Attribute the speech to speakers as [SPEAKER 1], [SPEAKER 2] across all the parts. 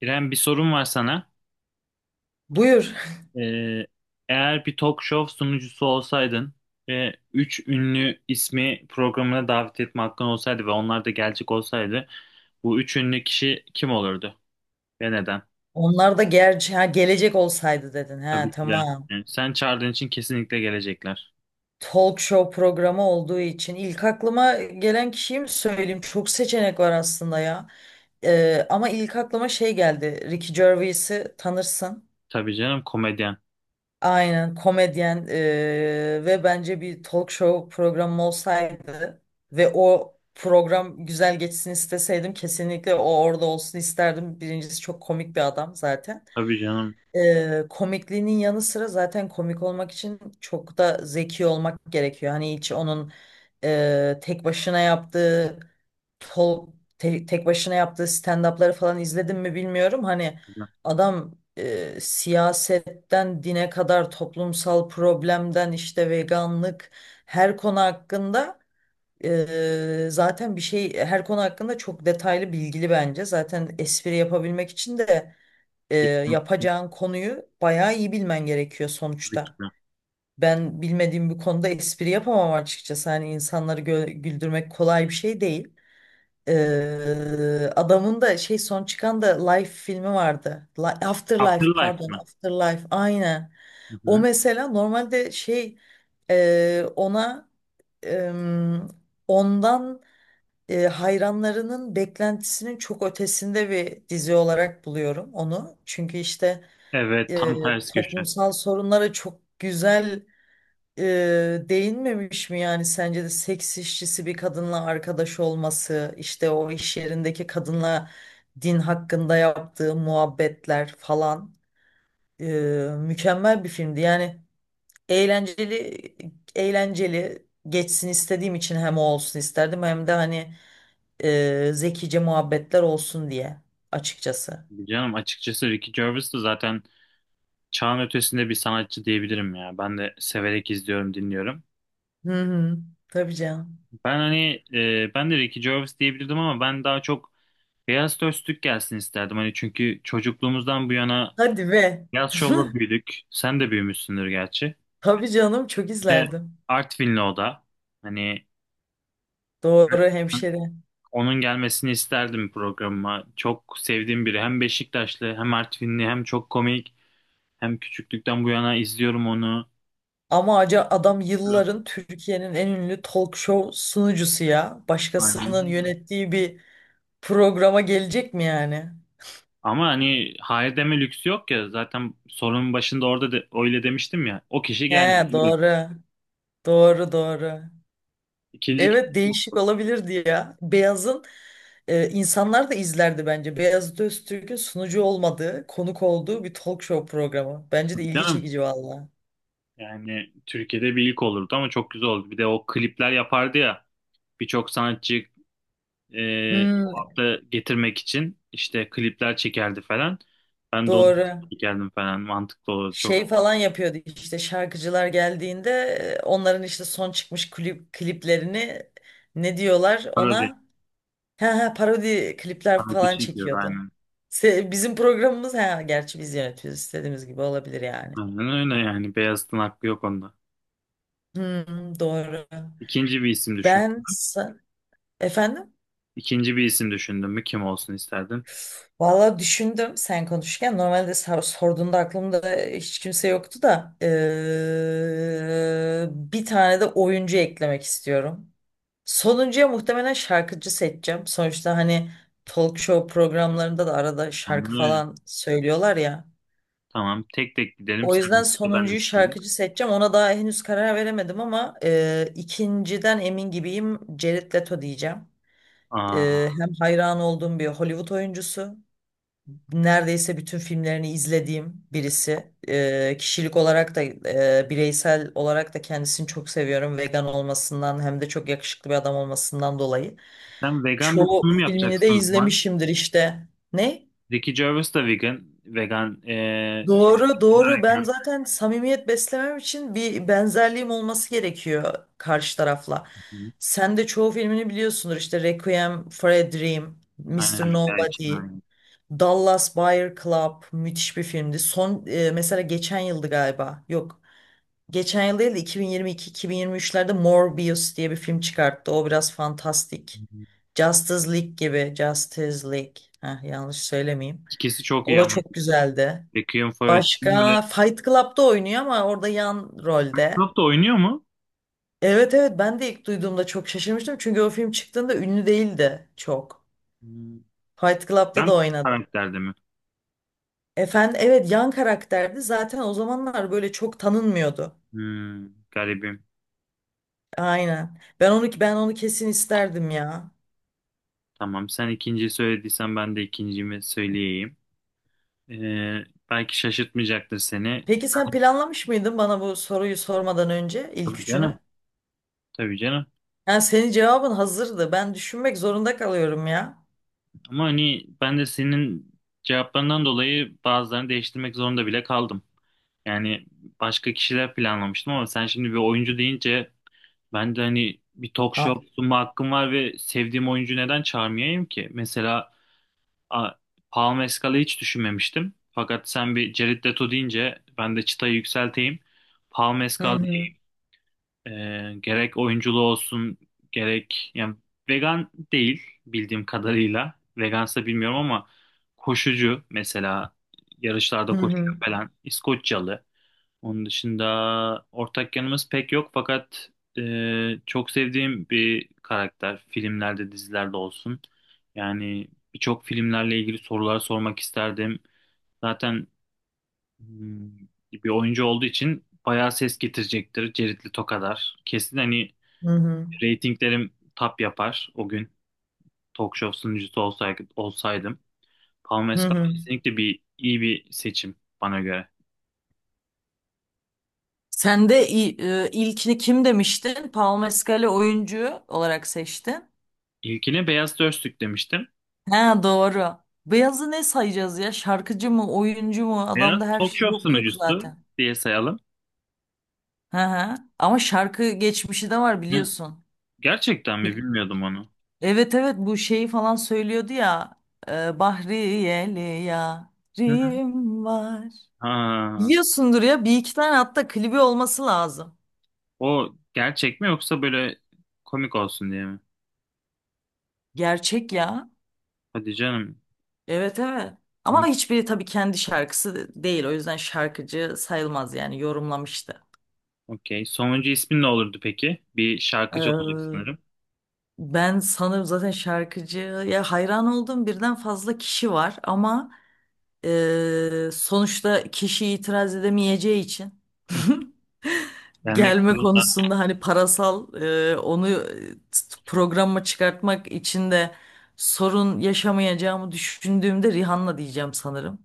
[SPEAKER 1] İrem bir sorum var sana.
[SPEAKER 2] Buyur.
[SPEAKER 1] Ee, Eğer bir talk show sunucusu olsaydın ve üç ünlü ismi programına davet etme hakkın olsaydı ve onlar da gelecek olsaydı bu üç ünlü kişi kim olurdu ve neden?
[SPEAKER 2] Onlar da gerçi ha, gelecek olsaydı dedin. Ha
[SPEAKER 1] Tabii ki de.
[SPEAKER 2] tamam.
[SPEAKER 1] Yani sen çağırdığın için kesinlikle gelecekler.
[SPEAKER 2] Talk show programı olduğu için ilk aklıma gelen kişiyi mi söyleyeyim? Çok seçenek var aslında ya. Ama ilk aklıma şey geldi. Ricky Gervais'i tanırsın.
[SPEAKER 1] Tabii canım, komedyen.
[SPEAKER 2] Aynen komedyen ve bence bir talk show programı olsaydı ve o program güzel geçsin isteseydim kesinlikle o orada olsun isterdim. Birincisi çok komik bir adam zaten.
[SPEAKER 1] Tabii canım.
[SPEAKER 2] Komikliğinin yanı sıra zaten komik olmak için çok da zeki olmak gerekiyor. Hani hiç onun tek başına yaptığı tol- tek başına yaptığı stand-up'ları falan izledim mi bilmiyorum. Hani adam siyasetten dine kadar toplumsal problemden işte veganlık her konu hakkında zaten bir şey her konu hakkında çok detaylı bilgili bence. Zaten espri yapabilmek için de yapacağın konuyu bayağı iyi bilmen gerekiyor
[SPEAKER 1] Tabii ki
[SPEAKER 2] sonuçta.
[SPEAKER 1] de.
[SPEAKER 2] Ben bilmediğim bir konuda espri yapamam açıkçası. Hani insanları güldürmek kolay bir şey değil. Adamın da şey son çıkan da Life filmi vardı. Afterlife
[SPEAKER 1] Afterlife
[SPEAKER 2] pardon
[SPEAKER 1] mi?
[SPEAKER 2] Afterlife aynen.
[SPEAKER 1] Hı
[SPEAKER 2] O
[SPEAKER 1] hı.
[SPEAKER 2] mesela normalde şey ona em, ondan hayranlarının beklentisinin çok ötesinde bir dizi olarak buluyorum onu. Çünkü işte
[SPEAKER 1] Evet,
[SPEAKER 2] e,
[SPEAKER 1] tam ters köşe.
[SPEAKER 2] toplumsal sorunlara çok güzel değinmemiş mi yani sence de seks işçisi bir kadınla arkadaş olması işte o iş yerindeki kadınla din hakkında yaptığı muhabbetler falan e, mükemmel bir filmdi yani eğlenceli eğlenceli geçsin istediğim için hem o olsun isterdim hem de hani zekice muhabbetler olsun diye açıkçası.
[SPEAKER 1] Tabii canım, açıkçası Ricky Gervais de zaten çağın ötesinde bir sanatçı diyebilirim ya. Ben de severek izliyorum, dinliyorum.
[SPEAKER 2] Hı hı, tabii canım.
[SPEAKER 1] Ben hani ben de Ricky Gervais diyebilirdim ama ben daha çok Beyaz Töz gelsin isterdim. Hani çünkü çocukluğumuzdan bu yana
[SPEAKER 2] Hadi be.
[SPEAKER 1] Beyaz Şov'la büyüdük. Sen de büyümüşsündür gerçi.
[SPEAKER 2] Tabii canım çok
[SPEAKER 1] Bir de
[SPEAKER 2] izlerdim.
[SPEAKER 1] Artvinli o da. Hani
[SPEAKER 2] Doğru hemşeri.
[SPEAKER 1] onun gelmesini isterdim programıma. Çok sevdiğim biri. Hem Beşiktaşlı, hem Artvinli, hem çok komik. Hem küçüklükten bu yana izliyorum onu.
[SPEAKER 2] Ama acı adam yılların Türkiye'nin en ünlü talk show sunucusu ya. Başkasının yönettiği bir programa gelecek mi yani?
[SPEAKER 1] Ama hani hayır deme lüksü yok ya. Zaten sorunun başında orada da öyle demiştim ya. O kişi geldi.
[SPEAKER 2] He
[SPEAKER 1] Buyurun.
[SPEAKER 2] doğru. Doğru, doğru.
[SPEAKER 1] İkinci kişi
[SPEAKER 2] Evet, değişik olabilirdi ya. Beyaz'ın insanlar da izlerdi bence. Beyazıt Öztürk'ün sunucu olmadığı, konuk olduğu bir talk show programı. Bence de
[SPEAKER 1] oldu
[SPEAKER 2] ilgi
[SPEAKER 1] canım.
[SPEAKER 2] çekici valla.
[SPEAKER 1] Yani Türkiye'de bir ilk olurdu ama çok güzel oldu. Bir de o klipler yapardı ya. Birçok sanatçı o
[SPEAKER 2] Hmm,
[SPEAKER 1] hafta getirmek için işte klipler çekerdi falan. Ben de onu
[SPEAKER 2] doğru.
[SPEAKER 1] çekerdim falan. Mantıklı olurdu.
[SPEAKER 2] Şey
[SPEAKER 1] Çok
[SPEAKER 2] falan yapıyordu işte şarkıcılar geldiğinde onların işte son çıkmış kliplerini ne diyorlar ona
[SPEAKER 1] parodi.
[SPEAKER 2] ha, ha, parodi klipler
[SPEAKER 1] Parodi
[SPEAKER 2] falan
[SPEAKER 1] çekiyordu
[SPEAKER 2] çekiyordu.
[SPEAKER 1] aynen.
[SPEAKER 2] Bizim programımız ha gerçi biz yönetiyoruz istediğimiz gibi olabilir yani.
[SPEAKER 1] Aynen öyle yani. Beyazıt'ın hakkı yok onda.
[SPEAKER 2] Hmm, doğru.
[SPEAKER 1] İkinci bir isim düşün.
[SPEAKER 2] Ben sa- Efendim.
[SPEAKER 1] İkinci bir isim düşündün mü, kim olsun isterdin?
[SPEAKER 2] Valla düşündüm sen konuşurken normalde sorduğunda aklımda hiç kimse yoktu da bir tane de oyuncu eklemek istiyorum. Sonuncuya muhtemelen şarkıcı seçeceğim. Sonuçta hani talk show programlarında da arada şarkı
[SPEAKER 1] Aynen öyle.
[SPEAKER 2] falan söylüyorlar ya.
[SPEAKER 1] Tamam. Tek tek gidelim.
[SPEAKER 2] O
[SPEAKER 1] Sen
[SPEAKER 2] yüzden
[SPEAKER 1] de ben de
[SPEAKER 2] sonuncuyu
[SPEAKER 1] söyleyeyim.
[SPEAKER 2] şarkıcı seçeceğim. Ona daha henüz karar veremedim ama ikinciden emin gibiyim. Jared Leto diyeceğim.
[SPEAKER 1] Aa,
[SPEAKER 2] Hem hayran olduğum bir Hollywood oyuncusu, neredeyse bütün filmlerini izlediğim birisi. Kişilik olarak da bireysel olarak da kendisini çok seviyorum. Vegan olmasından hem de çok yakışıklı bir adam olmasından dolayı.
[SPEAKER 1] sen vegan bir
[SPEAKER 2] Çoğu
[SPEAKER 1] sunum
[SPEAKER 2] filmini de
[SPEAKER 1] yapacaksın o zaman.
[SPEAKER 2] izlemişimdir işte. Ne?
[SPEAKER 1] Ricky Gervais da vegan. Vegan. Jennifer
[SPEAKER 2] Doğru,
[SPEAKER 1] Lopez de
[SPEAKER 2] doğru. Ben
[SPEAKER 1] vegan.
[SPEAKER 2] zaten samimiyet beslemem için bir benzerliğim olması gerekiyor karşı tarafla.
[SPEAKER 1] Hı.
[SPEAKER 2] Sen de çoğu filmini biliyorsundur işte. Requiem for a Dream,
[SPEAKER 1] Aynen
[SPEAKER 2] Mr.
[SPEAKER 1] rüya için.
[SPEAKER 2] Nobody.
[SPEAKER 1] Aynen.
[SPEAKER 2] Dallas Buyer Club müthiş bir filmdi. Son mesela geçen yıldı galiba. Yok. Geçen yıl değil de 2022-2023'lerde Morbius diye bir film çıkarttı. O biraz
[SPEAKER 1] Hı
[SPEAKER 2] fantastik.
[SPEAKER 1] hı.
[SPEAKER 2] Justice League gibi. Justice League. Heh, yanlış söylemeyeyim.
[SPEAKER 1] İkisi çok
[SPEAKER 2] O
[SPEAKER 1] iyi
[SPEAKER 2] da
[SPEAKER 1] ama.
[SPEAKER 2] çok güzeldi.
[SPEAKER 1] Requiem for a Dream ve
[SPEAKER 2] Başka Fight Club'da oynuyor ama orada yan
[SPEAKER 1] Fight
[SPEAKER 2] rolde.
[SPEAKER 1] Club da oynuyor mu?
[SPEAKER 2] Evet, evet, ben de ilk duyduğumda çok şaşırmıştım. Çünkü o film çıktığında ünlü değildi çok.
[SPEAKER 1] Hmm.
[SPEAKER 2] Fight Club'da da
[SPEAKER 1] Yan
[SPEAKER 2] oynadı.
[SPEAKER 1] karakterde mi?
[SPEAKER 2] Efendim evet yan karakterdi. Zaten o zamanlar böyle çok tanınmıyordu.
[SPEAKER 1] Hmm, garibim.
[SPEAKER 2] Aynen. Ben onu kesin isterdim ya.
[SPEAKER 1] Tamam. Sen ikinciyi söylediysen ben de ikincimi söyleyeyim. Ee, Belki şaşırtmayacaktır seni.
[SPEAKER 2] Peki sen planlamış mıydın bana bu soruyu sormadan önce ilk
[SPEAKER 1] Tabii
[SPEAKER 2] üçünü?
[SPEAKER 1] canım. Tabii canım.
[SPEAKER 2] Yani senin cevabın hazırdı. Ben düşünmek zorunda kalıyorum ya.
[SPEAKER 1] Ama hani ben de senin cevaplarından dolayı bazılarını değiştirmek zorunda bile kaldım. Yani başka kişiler planlamıştım ama sen şimdi bir oyuncu deyince ben de hani bir talk
[SPEAKER 2] Ha.
[SPEAKER 1] show sunma hakkım var ve sevdiğim oyuncu neden çağırmayayım ki? Mesela a, Paul Mescal'ı hiç düşünmemiştim. Fakat sen bir Jared Leto deyince ben de çıtayı yükselteyim. Paul
[SPEAKER 2] Hı
[SPEAKER 1] Mescal,
[SPEAKER 2] hı.
[SPEAKER 1] e, gerek oyunculuğu olsun, gerek yani vegan değil bildiğim kadarıyla. Vegansa bilmiyorum ama koşucu mesela,
[SPEAKER 2] Hı
[SPEAKER 1] yarışlarda koşuyor
[SPEAKER 2] hı.
[SPEAKER 1] falan. İskoçyalı. Onun dışında ortak yanımız pek yok fakat e, çok sevdiğim bir karakter filmlerde dizilerde olsun. Yani birçok filmlerle ilgili sorular sormak isterdim. Zaten hmm, bir oyuncu olduğu için bayağı ses getirecektir Jared Leto kadar. Kesin hani
[SPEAKER 2] Hı hı.
[SPEAKER 1] ratinglerim tap yapar o gün. Talk show sunucusu olsaydı, olsaydım. Paul
[SPEAKER 2] Hı
[SPEAKER 1] Mescal
[SPEAKER 2] hı.
[SPEAKER 1] kesinlikle bir iyi bir seçim bana göre.
[SPEAKER 2] Sen de ilkini kim demiştin? Paul Mescal'i oyuncu olarak seçtin.
[SPEAKER 1] İlkine Beyaz Dörstük demiştim.
[SPEAKER 2] Ha doğru. Beyazı ne sayacağız ya? Şarkıcı mı, oyuncu mu?
[SPEAKER 1] Beyaz
[SPEAKER 2] Adamda her
[SPEAKER 1] talk
[SPEAKER 2] şey
[SPEAKER 1] show
[SPEAKER 2] yok yok
[SPEAKER 1] sunucusu
[SPEAKER 2] zaten.
[SPEAKER 1] diye sayalım.
[SPEAKER 2] Hı hı. Ama şarkı geçmişi de var
[SPEAKER 1] Hı,
[SPEAKER 2] biliyorsun.
[SPEAKER 1] gerçekten mi,
[SPEAKER 2] Bir-
[SPEAKER 1] bilmiyordum onu.
[SPEAKER 2] Evet, evet, bu şeyi falan söylüyordu ya. Bahriyeli
[SPEAKER 1] Hı hı.
[SPEAKER 2] yarim var.
[SPEAKER 1] Ha,
[SPEAKER 2] Biliyorsundur ya bir iki tane hatta klibi olması lazım.
[SPEAKER 1] o gerçek mi yoksa böyle komik olsun diye mi?
[SPEAKER 2] Gerçek ya.
[SPEAKER 1] Hadi canım.
[SPEAKER 2] Evet, evet.
[SPEAKER 1] Hı,
[SPEAKER 2] Ama hiçbiri tabii kendi şarkısı değil. O yüzden şarkıcı sayılmaz yani yorumlamıştı.
[SPEAKER 1] okey. Sonuncu ismin ne olurdu peki? Bir şarkıcı olurdu
[SPEAKER 2] Ee,
[SPEAKER 1] sanırım.
[SPEAKER 2] Ben sanırım zaten şarkıcıya hayran olduğum birden fazla kişi var ama sonuçta kişi itiraz edemeyeceği için
[SPEAKER 1] Hı. Gelmek
[SPEAKER 2] gelme
[SPEAKER 1] zorunda.
[SPEAKER 2] konusunda hani parasal onu programa çıkartmak için de sorun yaşamayacağımı düşündüğümde Rihanna diyeceğim sanırım.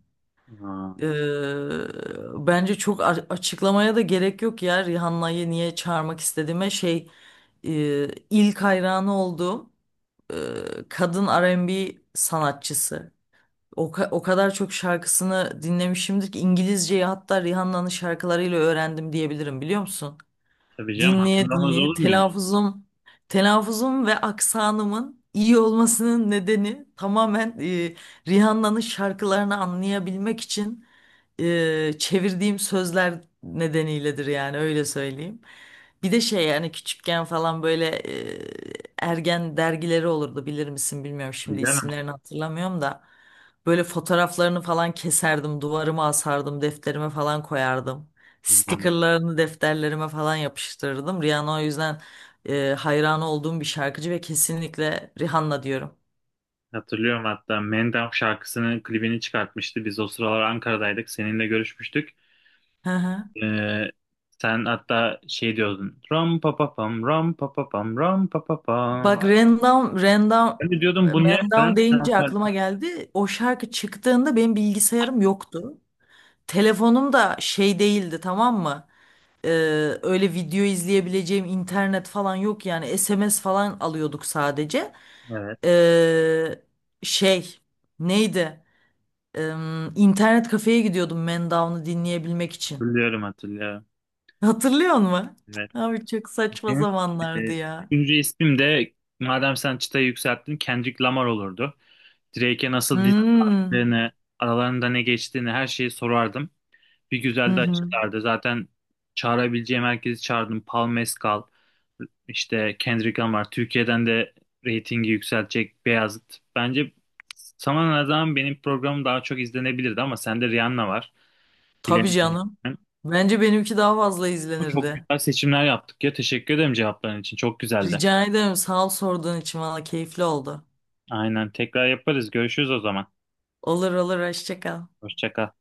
[SPEAKER 1] Ha,
[SPEAKER 2] Bence çok açıklamaya da gerek yok ya Rihanna'yı niye çağırmak istediğime şey e, ilk hayranı olduğum e, kadın R&B sanatçısı. O kadar çok şarkısını dinlemişimdir ki İngilizceyi hatta Rihanna'nın şarkılarıyla öğrendim diyebilirim biliyor musun?
[SPEAKER 1] tabii canım,
[SPEAKER 2] Dinleye
[SPEAKER 1] hatırlamaz
[SPEAKER 2] dinleye
[SPEAKER 1] olur muyum?
[SPEAKER 2] telaffuzum ve aksanımın iyi olmasının nedeni tamamen Rihanna'nın şarkılarını anlayabilmek için çevirdiğim sözler nedeniyledir yani öyle söyleyeyim. Bir de şey yani küçükken falan böyle e, ergen dergileri olurdu bilir misin bilmiyorum
[SPEAKER 1] Tabii
[SPEAKER 2] şimdi
[SPEAKER 1] canım.
[SPEAKER 2] isimlerini hatırlamıyorum da böyle fotoğraflarını falan keserdim duvarıma asardım defterime falan koyardım.
[SPEAKER 1] Hmm.
[SPEAKER 2] Stickerlarını defterlerime falan yapıştırırdım. Rihanna o yüzden hayran olduğum bir şarkıcı ve kesinlikle Rihanna diyorum.
[SPEAKER 1] Hatırlıyorum, hatta Mendam şarkısının klibini çıkartmıştı. Biz o sıralar Ankara'daydık. Seninle görüşmüştük.
[SPEAKER 2] Hı hı.
[SPEAKER 1] Ee, Sen hatta şey diyordun. Ram pa pa pam, ram pa pa pam, ram pa pa pam.
[SPEAKER 2] Bak Vay.
[SPEAKER 1] Ben de diyordum bu ne falan.
[SPEAKER 2] Random deyince aklıma geldi. O şarkı çıktığında benim bilgisayarım yoktu. Telefonum da şey değildi tamam mı? E, Öyle video izleyebileceğim internet falan yok yani SMS falan alıyorduk sadece.
[SPEAKER 1] Evet,
[SPEAKER 2] E, şey Neydi? İnternet kafeye gidiyordum Man Down'u dinleyebilmek için.
[SPEAKER 1] hatırlıyorum hatırlıyorum.
[SPEAKER 2] Hatırlıyor musun?
[SPEAKER 1] Evet.
[SPEAKER 2] Abi çok saçma
[SPEAKER 1] Benim, e,
[SPEAKER 2] zamanlardı ya.
[SPEAKER 1] Üçüncü ismim de madem sen çıtayı yükselttin Kendrick Lamar olurdu. Drake'e nasıl diss
[SPEAKER 2] Hmm.
[SPEAKER 1] attığını, aralarında ne geçtiğini her şeyi sorardım. Bir
[SPEAKER 2] Hı
[SPEAKER 1] güzel de
[SPEAKER 2] hı.
[SPEAKER 1] açıklardı. Zaten çağırabileceğim herkesi çağırdım. Paul Mescal, işte Kendrick Lamar. Türkiye'den de reytingi yükseltecek Beyazıt. Bence sana ne zaman benim programım daha çok izlenebilirdi ama sende Rihanna var.
[SPEAKER 2] Tabii
[SPEAKER 1] Bilemiyorum
[SPEAKER 2] canım.
[SPEAKER 1] ben.
[SPEAKER 2] Bence benimki daha fazla
[SPEAKER 1] Ama çok
[SPEAKER 2] izlenirdi.
[SPEAKER 1] güzel seçimler yaptık ya. Teşekkür ederim cevapların için. Çok güzeldi.
[SPEAKER 2] Rica ederim sağ ol sorduğun için valla keyifli oldu.
[SPEAKER 1] Aynen. Tekrar yaparız. Görüşürüz o zaman.
[SPEAKER 2] Olur olur hoşça kal.
[SPEAKER 1] Hoşça kal.